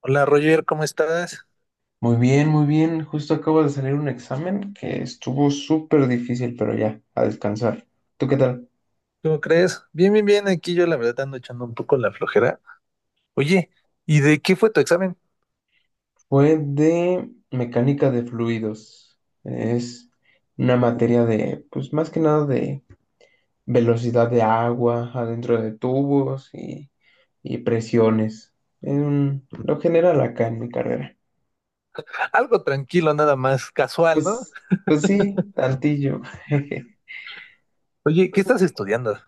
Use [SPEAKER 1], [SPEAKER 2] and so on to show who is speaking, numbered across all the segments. [SPEAKER 1] Hola Roger, ¿cómo estás?
[SPEAKER 2] Muy bien, muy bien. Justo acabo de salir un examen que estuvo súper difícil, pero ya, a descansar. ¿Tú qué tal?
[SPEAKER 1] ¿Cómo crees? Bien, bien, bien. Aquí yo la verdad ando echando un poco la flojera. Oye, ¿y de qué fue tu examen?
[SPEAKER 2] Fue de mecánica de fluidos. Es una materia de, pues más que nada de velocidad de agua adentro de tubos y presiones. En lo general acá en mi carrera.
[SPEAKER 1] Algo tranquilo, nada más, casual, ¿no?
[SPEAKER 2] Pues, pues sí, tantillo.
[SPEAKER 1] Oye, ¿qué estás estudiando?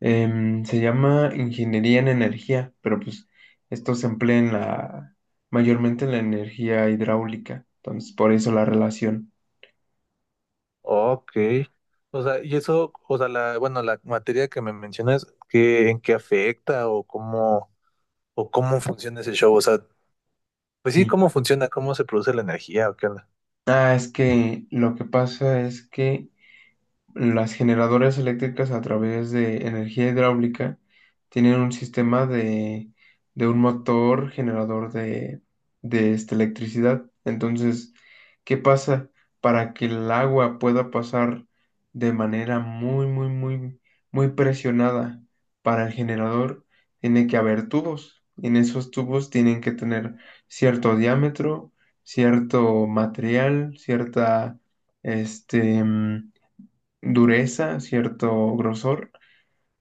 [SPEAKER 2] Se llama ingeniería en energía, pero pues esto se emplea en la, mayormente en la energía hidráulica, entonces por eso la relación.
[SPEAKER 1] Ok. O sea, y eso, o sea, la, bueno, la materia que me mencionas, ¿qué, en qué afecta o cómo funciona ese show? O sea, pues sí,
[SPEAKER 2] Sí.
[SPEAKER 1] ¿cómo funciona? ¿Cómo se produce la energía o qué onda?
[SPEAKER 2] Ah, es que lo que pasa es que las generadoras eléctricas a través de energía hidráulica tienen un sistema de un motor generador de esta electricidad. Entonces, ¿qué pasa? Para que el agua pueda pasar de manera muy, muy, muy, muy presionada para el generador, tiene que haber tubos. En esos tubos tienen que tener cierto diámetro, cierto material, cierta, este, dureza, cierto grosor.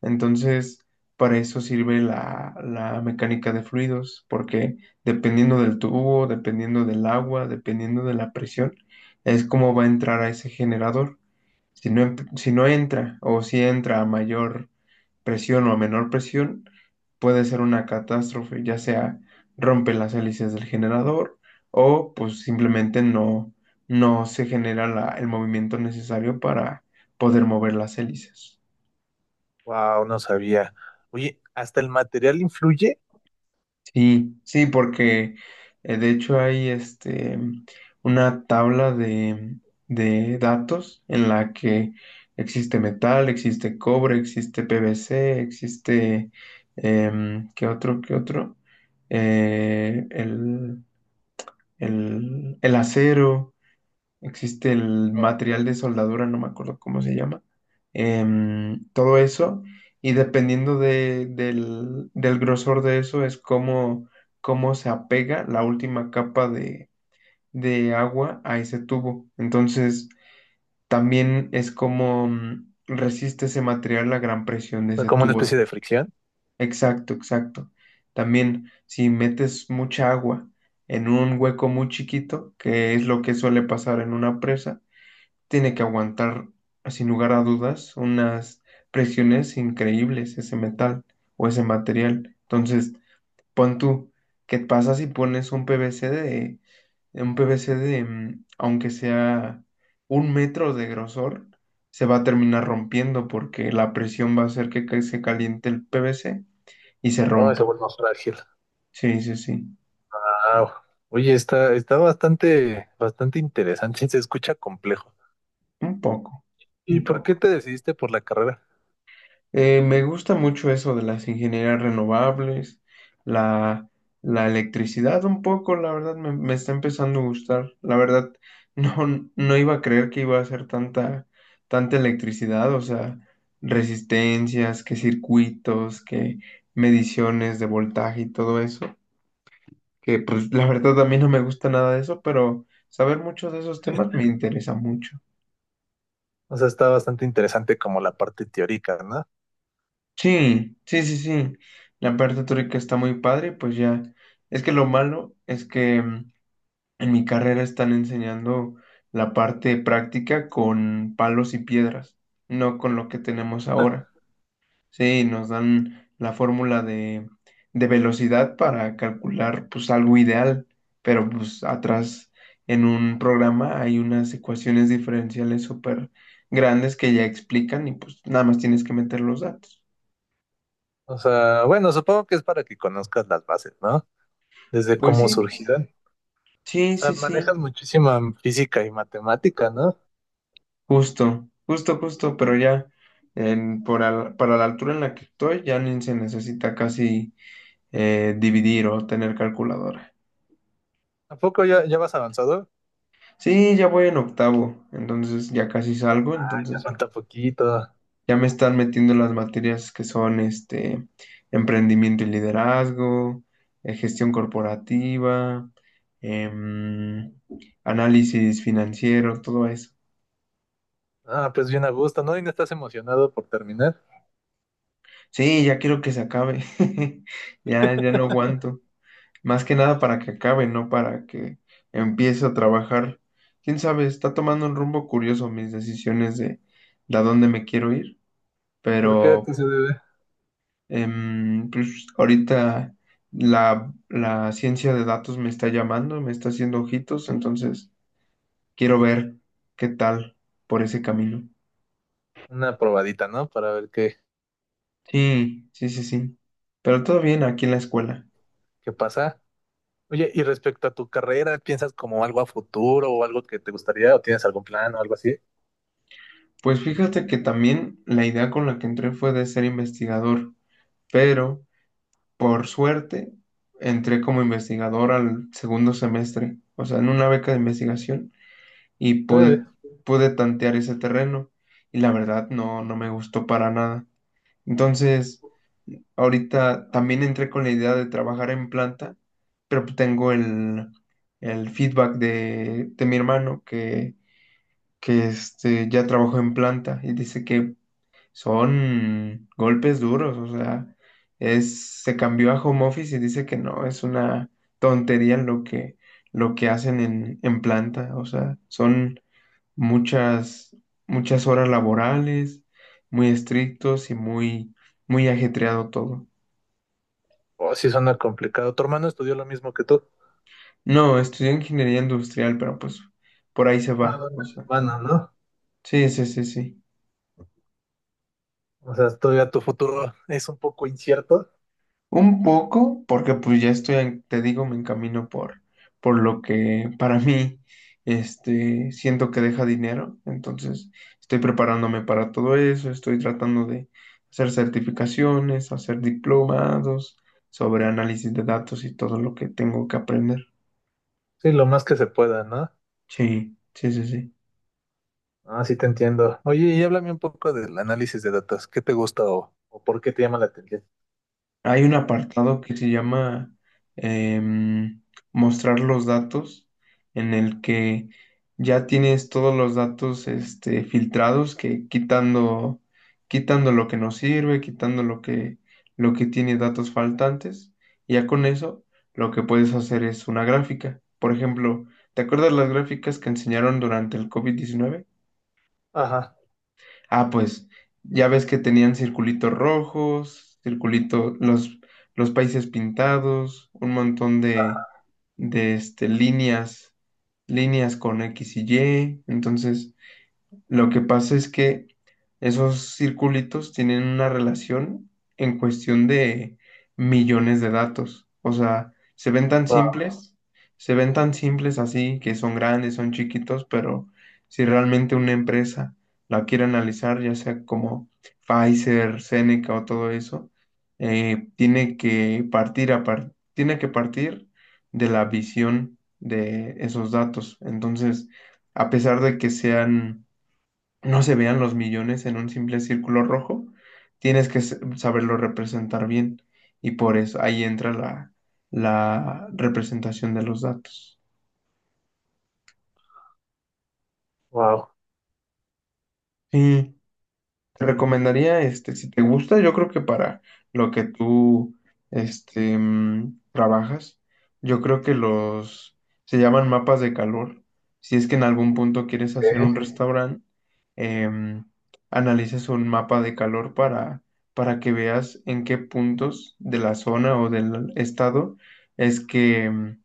[SPEAKER 2] Entonces, para eso sirve la mecánica de fluidos, porque dependiendo del tubo, dependiendo del agua, dependiendo de la presión, es como va a entrar a ese generador. Si no, si no entra o si entra a mayor presión o a menor presión, puede ser una catástrofe, ya sea rompe las hélices del generador o pues simplemente no se genera el movimiento necesario para poder mover las hélices.
[SPEAKER 1] Wow, no sabía. Oye, ¿hasta el material influye?
[SPEAKER 2] Sí, sí, porque de hecho hay una tabla de datos en la que existe metal, existe cobre, existe PVC, existe ¿qué otro? ¿Qué otro? Eh, el, el acero, existe el
[SPEAKER 1] O
[SPEAKER 2] material de soldadura, no me acuerdo cómo se llama, todo eso, y dependiendo del grosor de eso es cómo, cómo se apega la última capa de agua a ese tubo. Entonces, también es como resiste ese material la gran presión de
[SPEAKER 1] sea,
[SPEAKER 2] ese
[SPEAKER 1] como una
[SPEAKER 2] tubo.
[SPEAKER 1] especie de fricción.
[SPEAKER 2] Exacto, exacto. También, si metes mucha agua en un hueco muy chiquito, que es lo que suele pasar en una presa, tiene que aguantar, sin lugar a dudas, unas presiones increíbles ese metal o ese material. Entonces, pon tú, ¿qué pasa si pones un PVC de, aunque sea 1 metro de grosor, se va a terminar rompiendo porque la presión va a hacer que se caliente el PVC y se
[SPEAKER 1] Oh, se
[SPEAKER 2] rompa.
[SPEAKER 1] vuelve más frágil.
[SPEAKER 2] Sí, sí, sí,
[SPEAKER 1] Ah, oye, está, está bastante, bastante interesante, se escucha complejo.
[SPEAKER 2] un poco,
[SPEAKER 1] ¿Y
[SPEAKER 2] un
[SPEAKER 1] por qué
[SPEAKER 2] poco.
[SPEAKER 1] te decidiste por la carrera?
[SPEAKER 2] Me gusta mucho eso de las ingenierías renovables, la, la electricidad un poco, la verdad me está empezando a gustar. La verdad, no, no iba a creer que iba a hacer tanta, tanta electricidad, o sea, resistencias, que circuitos, que mediciones de voltaje y todo eso, que pues la verdad a mí no me gusta nada de eso, pero saber mucho de esos temas me interesa mucho.
[SPEAKER 1] O sea, está bastante interesante como la parte teórica, ¿no?
[SPEAKER 2] Sí, sí, sí, sí. La parte teórica está muy padre, pues ya. Es que lo malo es que en mi carrera están enseñando la parte práctica con palos y piedras, no con lo que tenemos ahora. Sí, nos dan la fórmula de velocidad para calcular pues algo ideal, pero pues atrás en un programa hay unas ecuaciones diferenciales súper grandes que ya explican y pues nada más tienes que meter los datos.
[SPEAKER 1] O sea, bueno, supongo que es para que conozcas las bases, ¿no? Desde
[SPEAKER 2] Pues
[SPEAKER 1] cómo
[SPEAKER 2] sí.
[SPEAKER 1] surgirán.
[SPEAKER 2] Sí,
[SPEAKER 1] O sea,
[SPEAKER 2] sí, sí,
[SPEAKER 1] manejas muchísima física y matemática, ¿no?
[SPEAKER 2] justo, justo, justo, pero ya para la altura en la que estoy ya ni se necesita casi dividir o tener calculadora.
[SPEAKER 1] ¿A poco ya, ya vas avanzado?
[SPEAKER 2] Sí, ya voy en octavo, entonces ya casi salgo,
[SPEAKER 1] Ya
[SPEAKER 2] entonces
[SPEAKER 1] falta poquito.
[SPEAKER 2] ya me están metiendo las materias que son emprendimiento y liderazgo, gestión corporativa, em, análisis financiero, todo eso.
[SPEAKER 1] Ah, pues bien a gusto, ¿no? Y no estás emocionado por terminar.
[SPEAKER 2] Sí, ya quiero que se acabe, ya, ya no aguanto. Más que nada para que acabe, no para que empiece a trabajar. Quién sabe, está tomando un rumbo curioso mis decisiones de a dónde me quiero ir,
[SPEAKER 1] ¿Por qué? ¿A qué
[SPEAKER 2] pero
[SPEAKER 1] se debe?
[SPEAKER 2] pues, ahorita la ciencia de datos me está llamando, me está haciendo ojitos, entonces quiero ver qué tal por ese camino.
[SPEAKER 1] Una probadita, ¿no? Para ver qué,
[SPEAKER 2] Sí, sí, sí, sí. Pero todo bien aquí en la escuela.
[SPEAKER 1] qué pasa. Oye, y respecto a tu carrera, ¿piensas como algo a futuro o algo que te gustaría o tienes algún plan o algo así?
[SPEAKER 2] Pues fíjate que también la idea con la que entré fue de ser investigador, pero por suerte, entré como investigador al segundo semestre, o sea, en una beca de investigación y
[SPEAKER 1] Órale.
[SPEAKER 2] pude tantear ese terreno y la verdad no me gustó para nada. Entonces, ahorita también entré con la idea de trabajar en planta, pero pues tengo el feedback de mi hermano que ya trabajó en planta y dice que son golpes duros, o sea, se cambió a home office y dice que no, es una tontería lo que hacen en planta, o sea, son muchas, muchas horas laborales, muy estrictos y muy, muy ajetreado todo.
[SPEAKER 1] Oh, sí suena complicado. Tu hermano estudió lo mismo que tú.
[SPEAKER 2] No, estudié ingeniería industrial, pero pues por ahí se
[SPEAKER 1] Ah,
[SPEAKER 2] va,
[SPEAKER 1] bueno,
[SPEAKER 2] o sea,
[SPEAKER 1] bueno, ¿no?
[SPEAKER 2] sí, sí, sí, sí.
[SPEAKER 1] O sea, todavía tu futuro es un poco incierto.
[SPEAKER 2] Un poco, porque pues ya te digo, me encamino por lo que para mí, siento que deja dinero. Entonces, estoy preparándome para todo eso, estoy tratando de hacer certificaciones, hacer diplomados sobre análisis de datos y todo lo que tengo que aprender.
[SPEAKER 1] Sí, lo más que se pueda, ¿no?
[SPEAKER 2] Sí, sí, sí, sí.
[SPEAKER 1] Ah, sí te entiendo. Oye, y háblame un poco del análisis de datos. ¿Qué te gusta o por qué te llama la atención?
[SPEAKER 2] Hay un apartado que se llama em, mostrar los datos, en el que ya tienes todos los datos filtrados, que quitando lo que no sirve, quitando lo que tiene datos faltantes, y ya con eso lo que puedes hacer es una gráfica. Por ejemplo, ¿te acuerdas las gráficas que enseñaron durante el COVID-19?
[SPEAKER 1] Ajá.
[SPEAKER 2] Ah, pues ya ves que tenían circulitos rojos, circulito, los países pintados, un montón de líneas, con X y Y. Entonces, lo que pasa es que esos circulitos tienen una relación en cuestión de millones de datos. O sea, se ven tan
[SPEAKER 1] Wow,
[SPEAKER 2] simples, se ven tan simples así, que son grandes, son chiquitos, pero si realmente una empresa la quiere analizar, ya sea como Pfizer, Seneca o todo eso, tiene que partir tiene que partir de la visión de esos datos. Entonces, a pesar de que sean no se vean los millones en un simple círculo rojo, tienes que saberlo representar bien y por eso ahí entra la representación de los datos.
[SPEAKER 1] wow.
[SPEAKER 2] Sí. Te recomendaría, si te gusta, yo creo que para lo que tú, trabajas, yo creo que se llaman mapas de calor. Si es que en algún punto quieres
[SPEAKER 1] Sí,
[SPEAKER 2] hacer un restaurante, em, analices un mapa de calor para que veas en qué puntos de la zona o del estado es que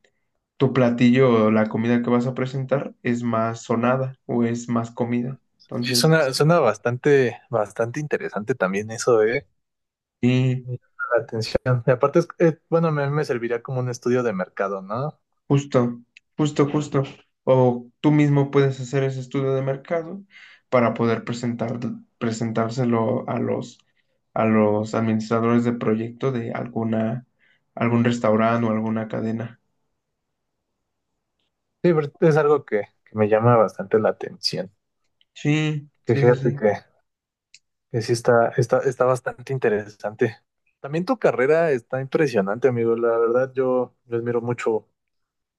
[SPEAKER 2] tu platillo o la comida que vas a presentar es más sonada o es más comida.
[SPEAKER 1] Sí, suena,
[SPEAKER 2] Entonces,
[SPEAKER 1] suena bastante, bastante interesante también eso, ¿eh?
[SPEAKER 2] sí.
[SPEAKER 1] Me llama la atención. Y aparte, es, bueno, a mí me serviría como un estudio de mercado, ¿no?
[SPEAKER 2] Justo, justo, justo. O tú mismo puedes hacer ese estudio de mercado para poder presentárselo a a los administradores de proyecto de algún restaurante o alguna cadena.
[SPEAKER 1] Sí, pero es algo que me llama bastante la atención.
[SPEAKER 2] Sí,
[SPEAKER 1] Que
[SPEAKER 2] sí, sí,
[SPEAKER 1] fíjate
[SPEAKER 2] sí.
[SPEAKER 1] que sí está, está, está bastante interesante. También tu carrera está impresionante, amigo. La verdad, yo admiro mucho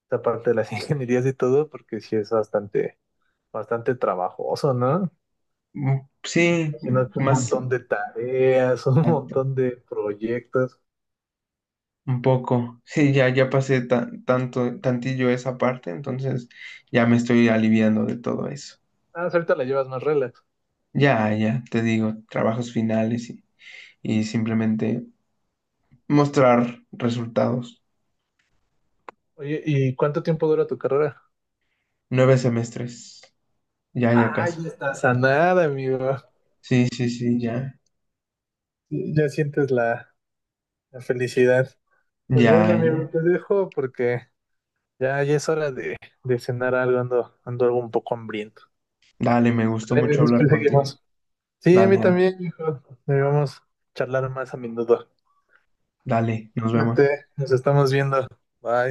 [SPEAKER 1] esta parte de las ingenierías y todo, porque sí es bastante, bastante trabajoso, ¿no?
[SPEAKER 2] Mm, sí,
[SPEAKER 1] Imagínate un
[SPEAKER 2] más
[SPEAKER 1] montón de tareas, un
[SPEAKER 2] exacto,
[SPEAKER 1] montón de proyectos.
[SPEAKER 2] un poco. Sí, ya, ya pasé tanto, tantillo esa parte, entonces ya me estoy aliviando de todo eso.
[SPEAKER 1] Ah, sí, ahorita la llevas más relax.
[SPEAKER 2] Ya, ya, te digo, trabajos finales y simplemente mostrar resultados.
[SPEAKER 1] Oye, ¿y cuánto tiempo dura tu carrera?
[SPEAKER 2] 9 semestres. Ya, ya
[SPEAKER 1] Ay,
[SPEAKER 2] casi.
[SPEAKER 1] no estás a nada, amigo.
[SPEAKER 2] Sí, sí, sí, ya.
[SPEAKER 1] Ya sientes la, la felicidad. Pues bueno,
[SPEAKER 2] Ya,
[SPEAKER 1] amigo,
[SPEAKER 2] ya.
[SPEAKER 1] te dejo porque ya, ya es hora de cenar algo. Ando, ando algo un poco hambriento.
[SPEAKER 2] Dale, me gustó
[SPEAKER 1] Vale,
[SPEAKER 2] mucho hablar
[SPEAKER 1] después
[SPEAKER 2] contigo.
[SPEAKER 1] seguimos. Sí, a mí
[SPEAKER 2] Dale,
[SPEAKER 1] también, hijo. Debemos charlar más a menudo.
[SPEAKER 2] dale, nos vemos.
[SPEAKER 1] Cuídate, nos estamos viendo. Bye.